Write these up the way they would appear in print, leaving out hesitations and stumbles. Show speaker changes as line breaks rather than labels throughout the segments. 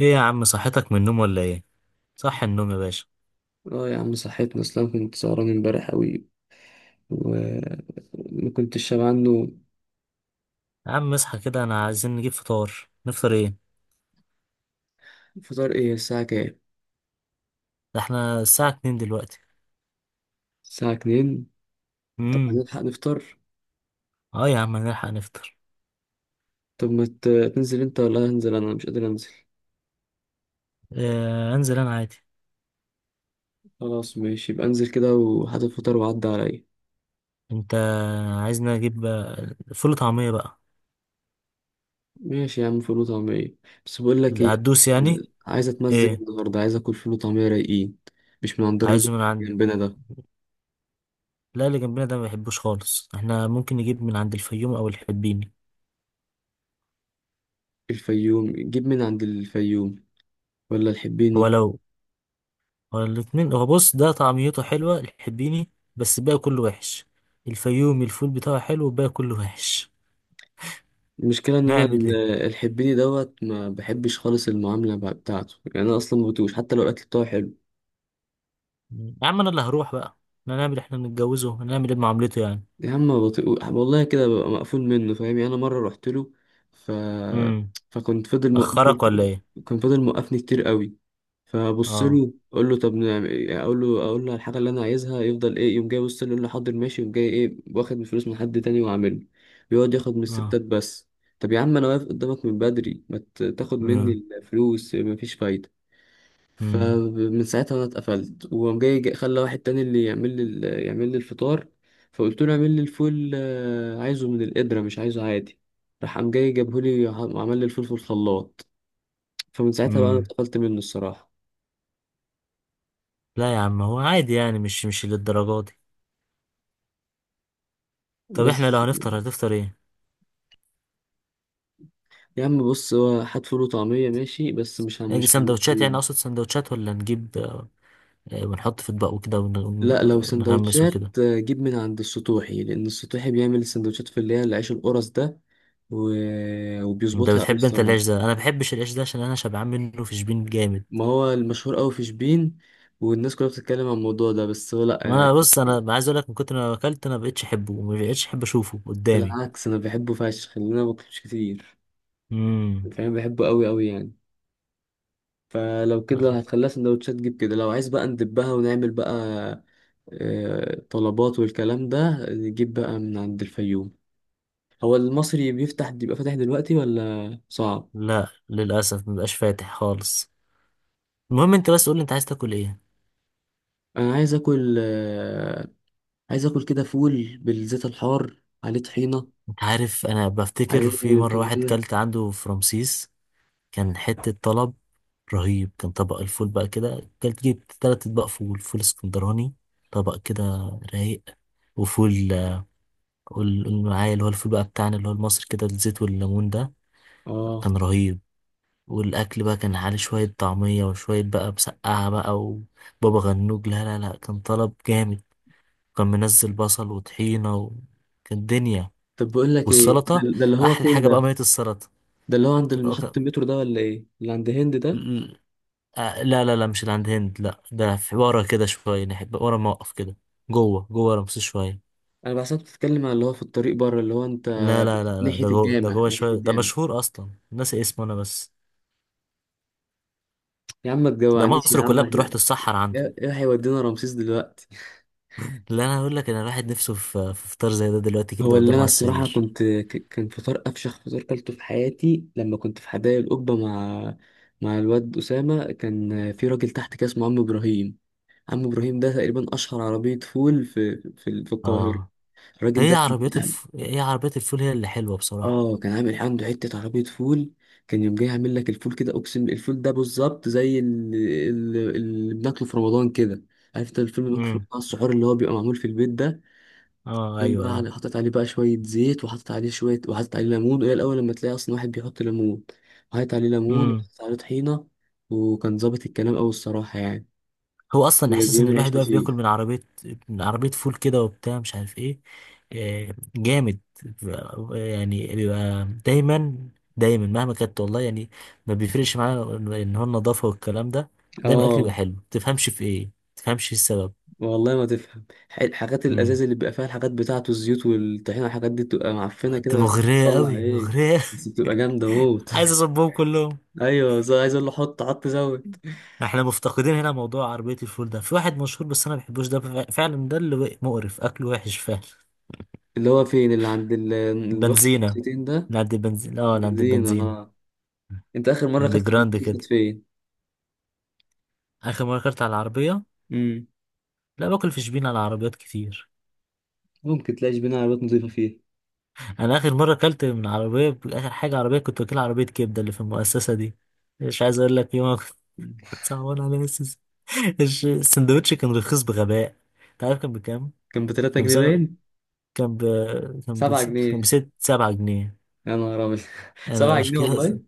ايه يا عم، صحتك من النوم ولا ايه؟ صح النوم يا باشا.
اه يا عم، صحيتني. اصلا كنت سهران امبارح قوي وما كنتش شبع عنه.
يا عم اصحى كده، انا عايزين نجيب فطار. نفطر ايه؟
فطار ايه؟ الساعة كام؟
ده احنا الساعة 2 دلوقتي.
الساعة اتنين؟ طب
امم.
هنلحق نفطر؟
اه يا عم هنلحق نفطر.
طب ما تنزل انت ولا هنزل؟ انا مش قادر انزل.
آه، انزل انا عادي.
خلاص، ماشي، يبقى انزل كده وهات الفطار وعدي عليا.
انت عايزنا نجيب فول وطعمية بقى.
ماشي يا عم، فول وطعمية. بس بقول لك ايه،
هتدوس يعني؟
عايز اتمزج
ايه؟
النهارده، عايز اكل فول وطعمية رايقين، مش من عند الراجل
عايزه من عند.
اللي جنبنا ده.
لا اللي جنبنا ده ما بيحبوش خالص، احنا ممكن نجيب من عند الفيوم او الحبيني.
الفيوم، جيب من عند الفيوم ولا
هو
الحبيني؟
لو هو الاتنين، هو بص ده طعميته حلوة الحبيني بس الباقي كله وحش. الفيومي الفول بتاعه حلو والباقي كله وحش.
المشكلة إن أنا
نعمل ايه؟
الحبيني دوت ما بحبش خالص، المعاملة بتاعته يعني. أنا أصلا ما بطيقوش حتى لو الأكل بتاعه حلو.
يا عم انا اللي هروح بقى، احنا نعمل، احنا بنتجوزه هنعمل ايه بمعاملته يعني.
يا عم، ما بطيقوش والله، كده ببقى مقفول منه، فاهم يعني. أنا مرة رحت له، ف...
امم.
فكنت فضل موقفني
اخرك
كتير.
ولا ايه؟
كان فضل موقفني كتير قوي. فبص
اه.
له أقول له طب نعمل إيه؟ أقول له على الحاجة اللي أنا عايزها يفضل إيه، يقوم جاي يبص لي يقول لي حاضر ماشي، يقوم جاي إيه؟ واخد من فلوس من حد تاني وعامله. بيقعد ياخد من الستات
اه.
بس. طب يا عم، أنا واقف قدامك من بدري، ما تاخد مني
امم.
الفلوس، مفيش فايدة.
امم.
فمن ساعتها انا اتقفلت، وقام جاي خلى واحد تاني اللي يعمل لي يعمل لي الفطار. فقلت له اعمل لي الفول، عايزه من القدرة مش عايزه عادي. راح قام جاي جابه لي وعمل لي الفول في الخلاط. فمن ساعتها بقى انا
امم.
اتقفلت منه الصراحة.
لا يا عم هو عادي يعني، مش للدرجه دي. طب احنا لو
بس
هنفطر هتفطر ايه؟
يا عم، بص هو هات فول وطعمية ماشي، بس
نجي
مش عند
سندوتشات يعني،
يوم.
اقصد سندوتشات ولا نجيب ونحط في اطباق وكده
لا، لو
ونغمس وكده.
سندوتشات جيب من عند السطوحي، لأن السطوحي بيعمل السندوتشات في اللي هي العيش القرص ده. و...
انت
وبيظبطها أوي
بتحب انت
الصراحة.
العيش ده؟ انا ما بحبش العيش ده عشان انا شبعان منه في شبين جامد.
ما هو المشهور قوي في شبين، والناس كلها بتتكلم عن الموضوع ده، بس هو لا
وانا بص انا عايز اقول لك، من كتر ما اكلت انا ما بقتش احبه، وما بقتش احب اشوفه قدامي.
بالعكس، انا بحبه فشخ لان انا باكلش كتير،
امم.
فاهم، بحبه قوي قوي يعني. فلو كده، لو هتخليها سندوتشات جيب كده. لو عايز بقى ندبها ونعمل بقى طلبات والكلام ده، نجيب بقى من عند الفيوم. هو المصري بيفتح، بيبقى فاتح دلوقتي ولا صعب؟
لا للأسف مبقاش فاتح خالص. المهم انت بس قولي انت عايز تاكل ايه.
انا عايز اكل عايز اكل كده فول بالزيت الحار عليه طحينة،
انت عارف انا بفتكر في
عليه
مرة واحد
تومية.
كلت عنده في رمسيس. كان حتة طلب رهيب. كان طبق الفول بقى كده، كلت جبت 3 اطباق فول، فول اسكندراني. طبق كده رايق. وفول قول قول معايا اللي هو الفول بقى بتاعنا، اللي هو المصري كده، الزيت والليمون ده.
اه.
كان رهيب. والاكل بقى كان عليه شوية طعمية وشوية بقى مسقعة بقى وبابا غنوج، لا لا لا كان طلب جامد. كان منزل بصل وطحينة و... كانت دنيا.
طب بقول لك ايه،
والسلطة.
ده اللي هو
أحلى
فين
حاجة بقى
ده؟
مية السلطة.
ده اللي هو عند
ك- ك-
محطة المترو ده ولا ايه، اللي عند هند ده؟
ال- لا لا لا مش اللي عند هند، لا ده في ورا كده شوية نحب ورا موقف كده. جوه جوه رمسيس شوية.
انا بحسبك بتتكلم على اللي هو في الطريق بره، اللي هو انت.
لا لا لا لا،
ناحية
ده جوه، ده
الجامع،
جوه
ناحية
شوية، ده
الجامع.
مشهور أصلا ناسي اسمه أنا بس.
يا عم، ما
ده
تجوعنيش يا
مصر
عم.
كلها بتروح
احنا
تتسحر عنده.
إيه هيودينا رمسيس دلوقتي.
لا أنا أقول لك، أنا الواحد نفسه في فطار زي ده دلوقتي
هو
كده
اللي
قدام
انا
على
الصراحة
السرير.
كنت كان فطار افشخ فطار كلته في حياتي لما كنت في حدائق القبة مع الواد أسامة. كان في راجل تحت كده اسمه عم إبراهيم. عم إبراهيم ده تقريبا أشهر عربية فول في القاهرة.
آه.
الراجل ده،
هي عربيات الفول هي اللي حلوة بصراحة.
اه كان عامل عنده حتة عربية فول. كان يوم جاي عامل لك الفول كده، اقسم الفول ده بالظبط زي اللي بناكله في رمضان كده. عارف انت الفيلم اللي بناكله في
امم.
رمضان، السحور اللي هو بيبقى معمول في البيت ده.
اه
كان
ايوه
بقى
ايوه.
على حاطط عليه بقى شوية زيت، وحاطط عليه شوية، وحاطط عليه ليمون، وهي الأول لما تلاقي أصلا واحد بيحط ليمون، وحاطط عليه ليمون،
امم.
وحاطط عليه طحينة، وكان ظابط الكلام أوي الصراحة يعني.
هو اصلا احساس ان
بيعمل عيش
الواحد واقف بياكل
فشيخ.
من عربيه، من عربيه فول كده وبتاع مش عارف ايه. آه، جامد. يعني بيبقى دايما، دايما مهما كانت والله يعني. ما بيفرقش معانا ان هو النظافه والكلام ده، دايما الاكل يبقى
اه
حلو. تفهمش في ايه؟ تفهمش إيه السبب؟
والله ما تفهم، الحاجات
امم.
الازاز اللي بيبقى فيها الحاجات بتاعته، الزيوت والطحينه والحاجات دي بتبقى معفنه
انت
كده، بس
مغريه
بتطلع
قوي
ايه،
مغريه.
بس بتبقى جامده موت.
عايز اصبهم كلهم.
ايوه، عايز اقول له حط حط زود.
احنا مفتقدين هنا موضوع عربيه الفول ده، في واحد مشهور بس انا ما بحبوش ده فعلا، ده اللي مقرف اكله وحش فعلا.
اللي هو فين اللي عند اللي واخد
بنزينة.
بوكسيتين ده؟
نعدي بنزين، نعدي
بنزين
بنزينة.
اه. انت اخر مره
عند
اكلت
جراند
بطاطس كانت
كده.
فين؟
آخر مرة أكلت على العربية.
امم.
لا باكل في شبين على عربيات كتير.
ممكن تلاقيش بينا عربيات نضيفه فيها؟
أنا آخر مرة أكلت من عربية، آخر حاجة عربية كنت واكلها عربية كبدة اللي في المؤسسة دي. مش عايز أقول لك يوم أنا كنت صعبان على نفسي. السندوتش كان رخيص بغباء. أنت عارف كان بكام؟
كان ب 3
كان
جنيه
بسبع.
باين.
كان ب... كان ب...
7
كان
جنيه
7 جنيه.
يا نهار ابيض.
أنا
7
مش
جنيه والله.
كده.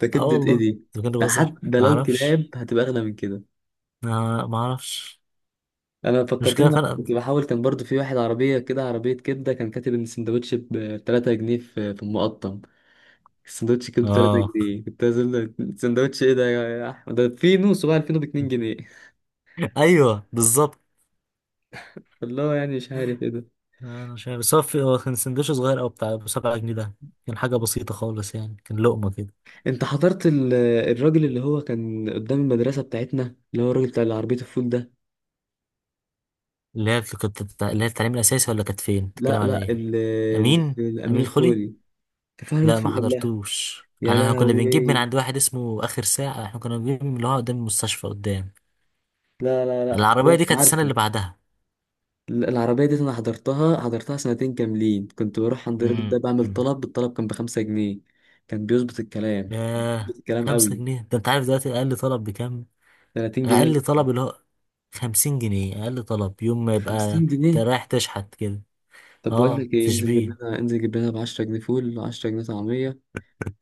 ده
اه
كبده ايه
والله.
دي؟
أنت كنت
ده
بهزر
حتى
ما
لو
أعرفش.
كلاب هتبقى اغلى من كده.
ما أعرفش.
انا
مش
فكرتني
كده
لما
فرق.
كنت بحاول، كان برضو في واحد عربيه كده، عربيه كبده، كان كاتب ان السندوتش ب 3 جنيه في المقطم. السندوتش كبده 3
اه
جنيه كنت عايز. السندوتش ايه ده يا احمد؟ ده في نص بقى الفينو ب 2 جنيه.
ايوه بالظبط.
والله يعني مش عارف ايه ده.
انا مش عارف، بس هو هو كان سندوتش صغير او بتاع ابو 7 جنيه ده. كان حاجه بسيطه خالص يعني، كان لقمه كده.
انت حضرت الراجل اللي هو كان قدام المدرسه بتاعتنا، اللي هو الراجل بتاع عربيه الفول ده؟
اللي هي التعليم الاساسي ولا كانت فين،
لا
بتتكلم على
لا،
ايه؟
اللي في
امين.
الامين
امين خلي.
الخولي، كان في عربيه
لا ما
فول قبلها.
حضرتوش.
يا
انا كنا بنجيب من
لهوي،
عند واحد اسمه اخر ساعه، احنا كنا بنجيب من اللي هو قدام المستشفى قدام.
لا لا لا،
العربيه
أيوة،
دي كانت السنه
عارفه.
اللي بعدها.
العربية دي أنا حضرتها سنتين كاملين، كنت بروح عند الراجل ده بعمل
امم.
طلب. الطلب كان ب5 جنيه، كان بيظبط الكلام،
ياه
بيظبط الكلام
خمسة
قوي.
جنيه ده انت عارف دلوقتي اقل طلب بكام؟
30 جنيه؟
اقل طلب اللي هو 50 جنيه، اقل طلب يوم ما يبقى.
50
انت
جنيه
رايح تشحت كده.
طب بقول
اه،
لك ايه،
في
انزل جيب
شبين.
لنا، انزل جيب لنا ب 10 جنيه فول و10 جنيه طعمية.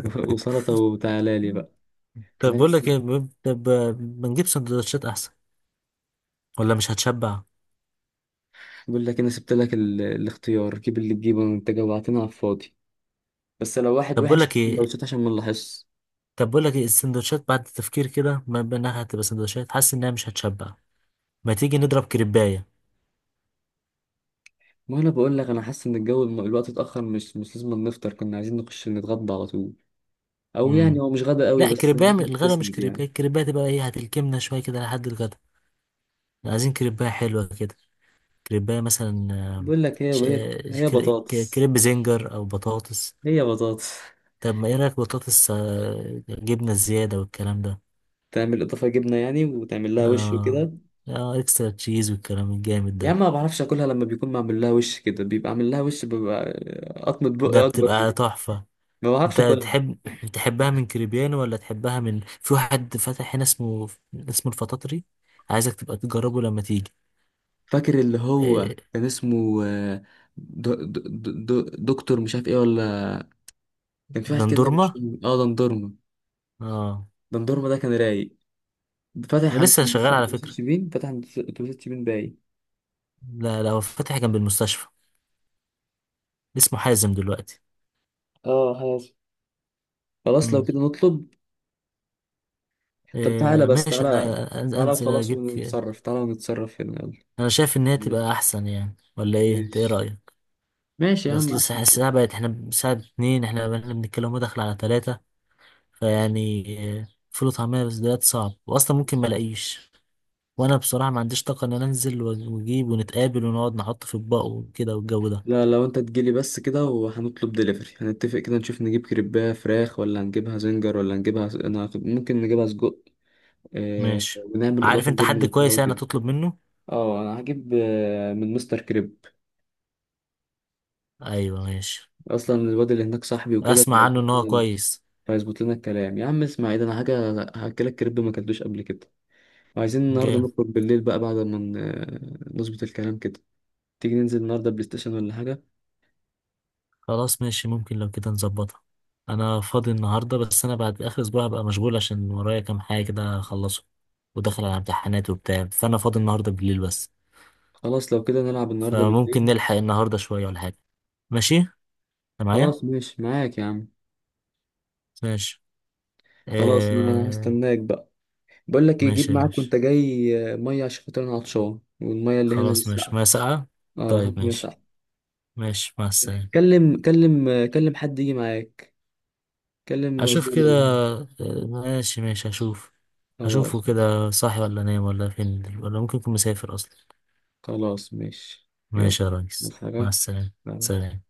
وسلطة وتعالى لي بقى. احنا
طب بقول لك
لسه.
ايه طب ما نجيب سندوتشات احسن، ولا مش هتشبع.
بقول لك انا سبت لك الاختيار، جيب اللي تجيبه، انت جوعتنا على الفاضي. بس لو واحد
طب بقول
وحش
لك
هات
ايه.
سندوتشات عشان ما نلاحظش.
طب بقول لك ايه، السندوتشات بعد التفكير كده ما بينها هتبقى سندوتشات، حاسس انها مش هتشبع. ما تيجي نضرب كريبايه.
ما انا بقول لك، انا حاسس ان الجو الوقت اتاخر، مش لازم نفطر، كنا عايزين نخش نتغدى على طول. او يعني
امم.
هو مش غدا قوي
لا
بس
كريبايه، الغدا مش
بتسند يعني.
كريبايه، الكريبايه تبقى ايه، هتلكمنا شويه كده لحد الغدا. عايزين كريبايه حلوه كده. كريبايه مثلا
بقول لك هي
ش-
هي
آه،
هي بطاطس.
كريب زنجر او بطاطس.
هي بطاطس.
طب ما ايه رايك، بطاطس جبنه زياده والكلام ده.
تعمل اضافه جبنه يعني وتعمل لها وش
اه
وكده؟
اه، اكسترا تشيز والكلام الجامد
يا عم،
ده.
ما بعرفش اكلها لما بيكون معمول لها وش كده، بيبقى عامل لها وش، ببقى قطمه
ده
بقي اكبر من
بتبقى
دي.
تحفة.
ما بعرفش
انت
اكلها.
تحب تحبها من كريبيان ولا تحبها من في واحد فتح هنا، اسمه الفطاطري. عايزك تبقى تجربه لما تيجي.
فاكر اللي هو
إيه...
كان اسمه دو دو دو دكتور مش عارف ايه ولا، كان في واحد كده
دندورما.
مش. اه، دندورما.
اه،
دندورما ده كان رايق،
ده
فاتح عند
لسه شغال على
اتوبيسات
فكرة.
شيبين، فاتح عند اتوبيسات شيبين باي.
لا لا، هو فاتح جنب المستشفى، اسمه حازم دلوقتي.
اه خلاص. خلاص لو
مم.
كده نطلب. طب تعالى بس،
ماشي،
تعالى.
انا
تعالى
انزل
وخلاص
اجيب
ونتصرف، تعالى ونتصرف هنا.
انا شايف ان هي
يلا.
تبقى احسن يعني، ولا ايه انت ايه
ماشي.
رأيك؟
ماشي يا عم،
اصل
احسن.
الساعة بقت، احنا بساعة اتنين احنا بقينا بنتكلم هو داخل على تلاتة. فيعني فول وطعمية بس دلوقتي صعب، واصلا ممكن ما الاقيش. وانا بصراحة ما عنديش طاقة ان انا انزل واجيب ونتقابل ونقعد نحط في اطباق وكده والجو ده.
لا، لو انت تجيلي بس كده وهنطلب دليفري، هنتفق كده، نشوف نجيب كريباه فراخ ولا هنجيبها زنجر ولا انا ممكن نجيبها سجق، اه...
ماشي.
ونعمل
عارف
اضافه
انت
جبنه
حد
وبتاع
كويس يعني
وكده.
تطلب منه؟
اه، انا هجيب من مستر كريب.
ايوه ماشي.
اصلا الواد اللي هناك صاحبي وكده،
اسمع عنه ان
فهيظبط
هو
لنا،
كويس.
فهيظبط لنا الكلام. يا عم، اسمع ايه ده انا حاجه، هاكلك كريب ما اكلتوش قبل كده. وعايزين النهارده
جامد.
نخرج بالليل بقى بعد ما نظبط الكلام كده. تيجي ننزل النهارده بلاي ستيشن ولا حاجة؟
خلاص ماشي، ممكن لو كده نظبطها. انا فاضي النهاردة، بس انا بعد اخر اسبوع هبقى مشغول عشان ورايا كام حاجة كده اخلصه، وداخل على امتحانات وبتاع، فانا فاضي النهاردة بالليل بس.
خلاص لو كده نلعب النهارده
فممكن
بالليل.
نلحق النهاردة شوية ولا حاجة. ماشي انت معايا.
خلاص ماشي معاك يا عم.
ماشي.
خلاص، انا
آه...
هستناك بقى. بقول لك ايه، جيب
ماشي
معاك وانت
ماشي.
جاي مية عشان خاطر انا عطشان، والمية اللي هنا
خلاص ماشي،
نسقع.
ما ساعة.
اه،
طيب
هات
ماشي.
ساعة.
ماشي مع السلامة.
كلم حد يجي معاك، كلم مزدور
أشوف كده.
اللي هنا.
ماشي ماشي أشوف. أشوفه
خلاص.
كده صاحي ولا نايم ولا فين، ولا ممكن يكون مسافر أصلا.
خلاص ماشي. يلا.
ماشي يا ريس،
نفس
مع السلامة.
حاجة.
سلام.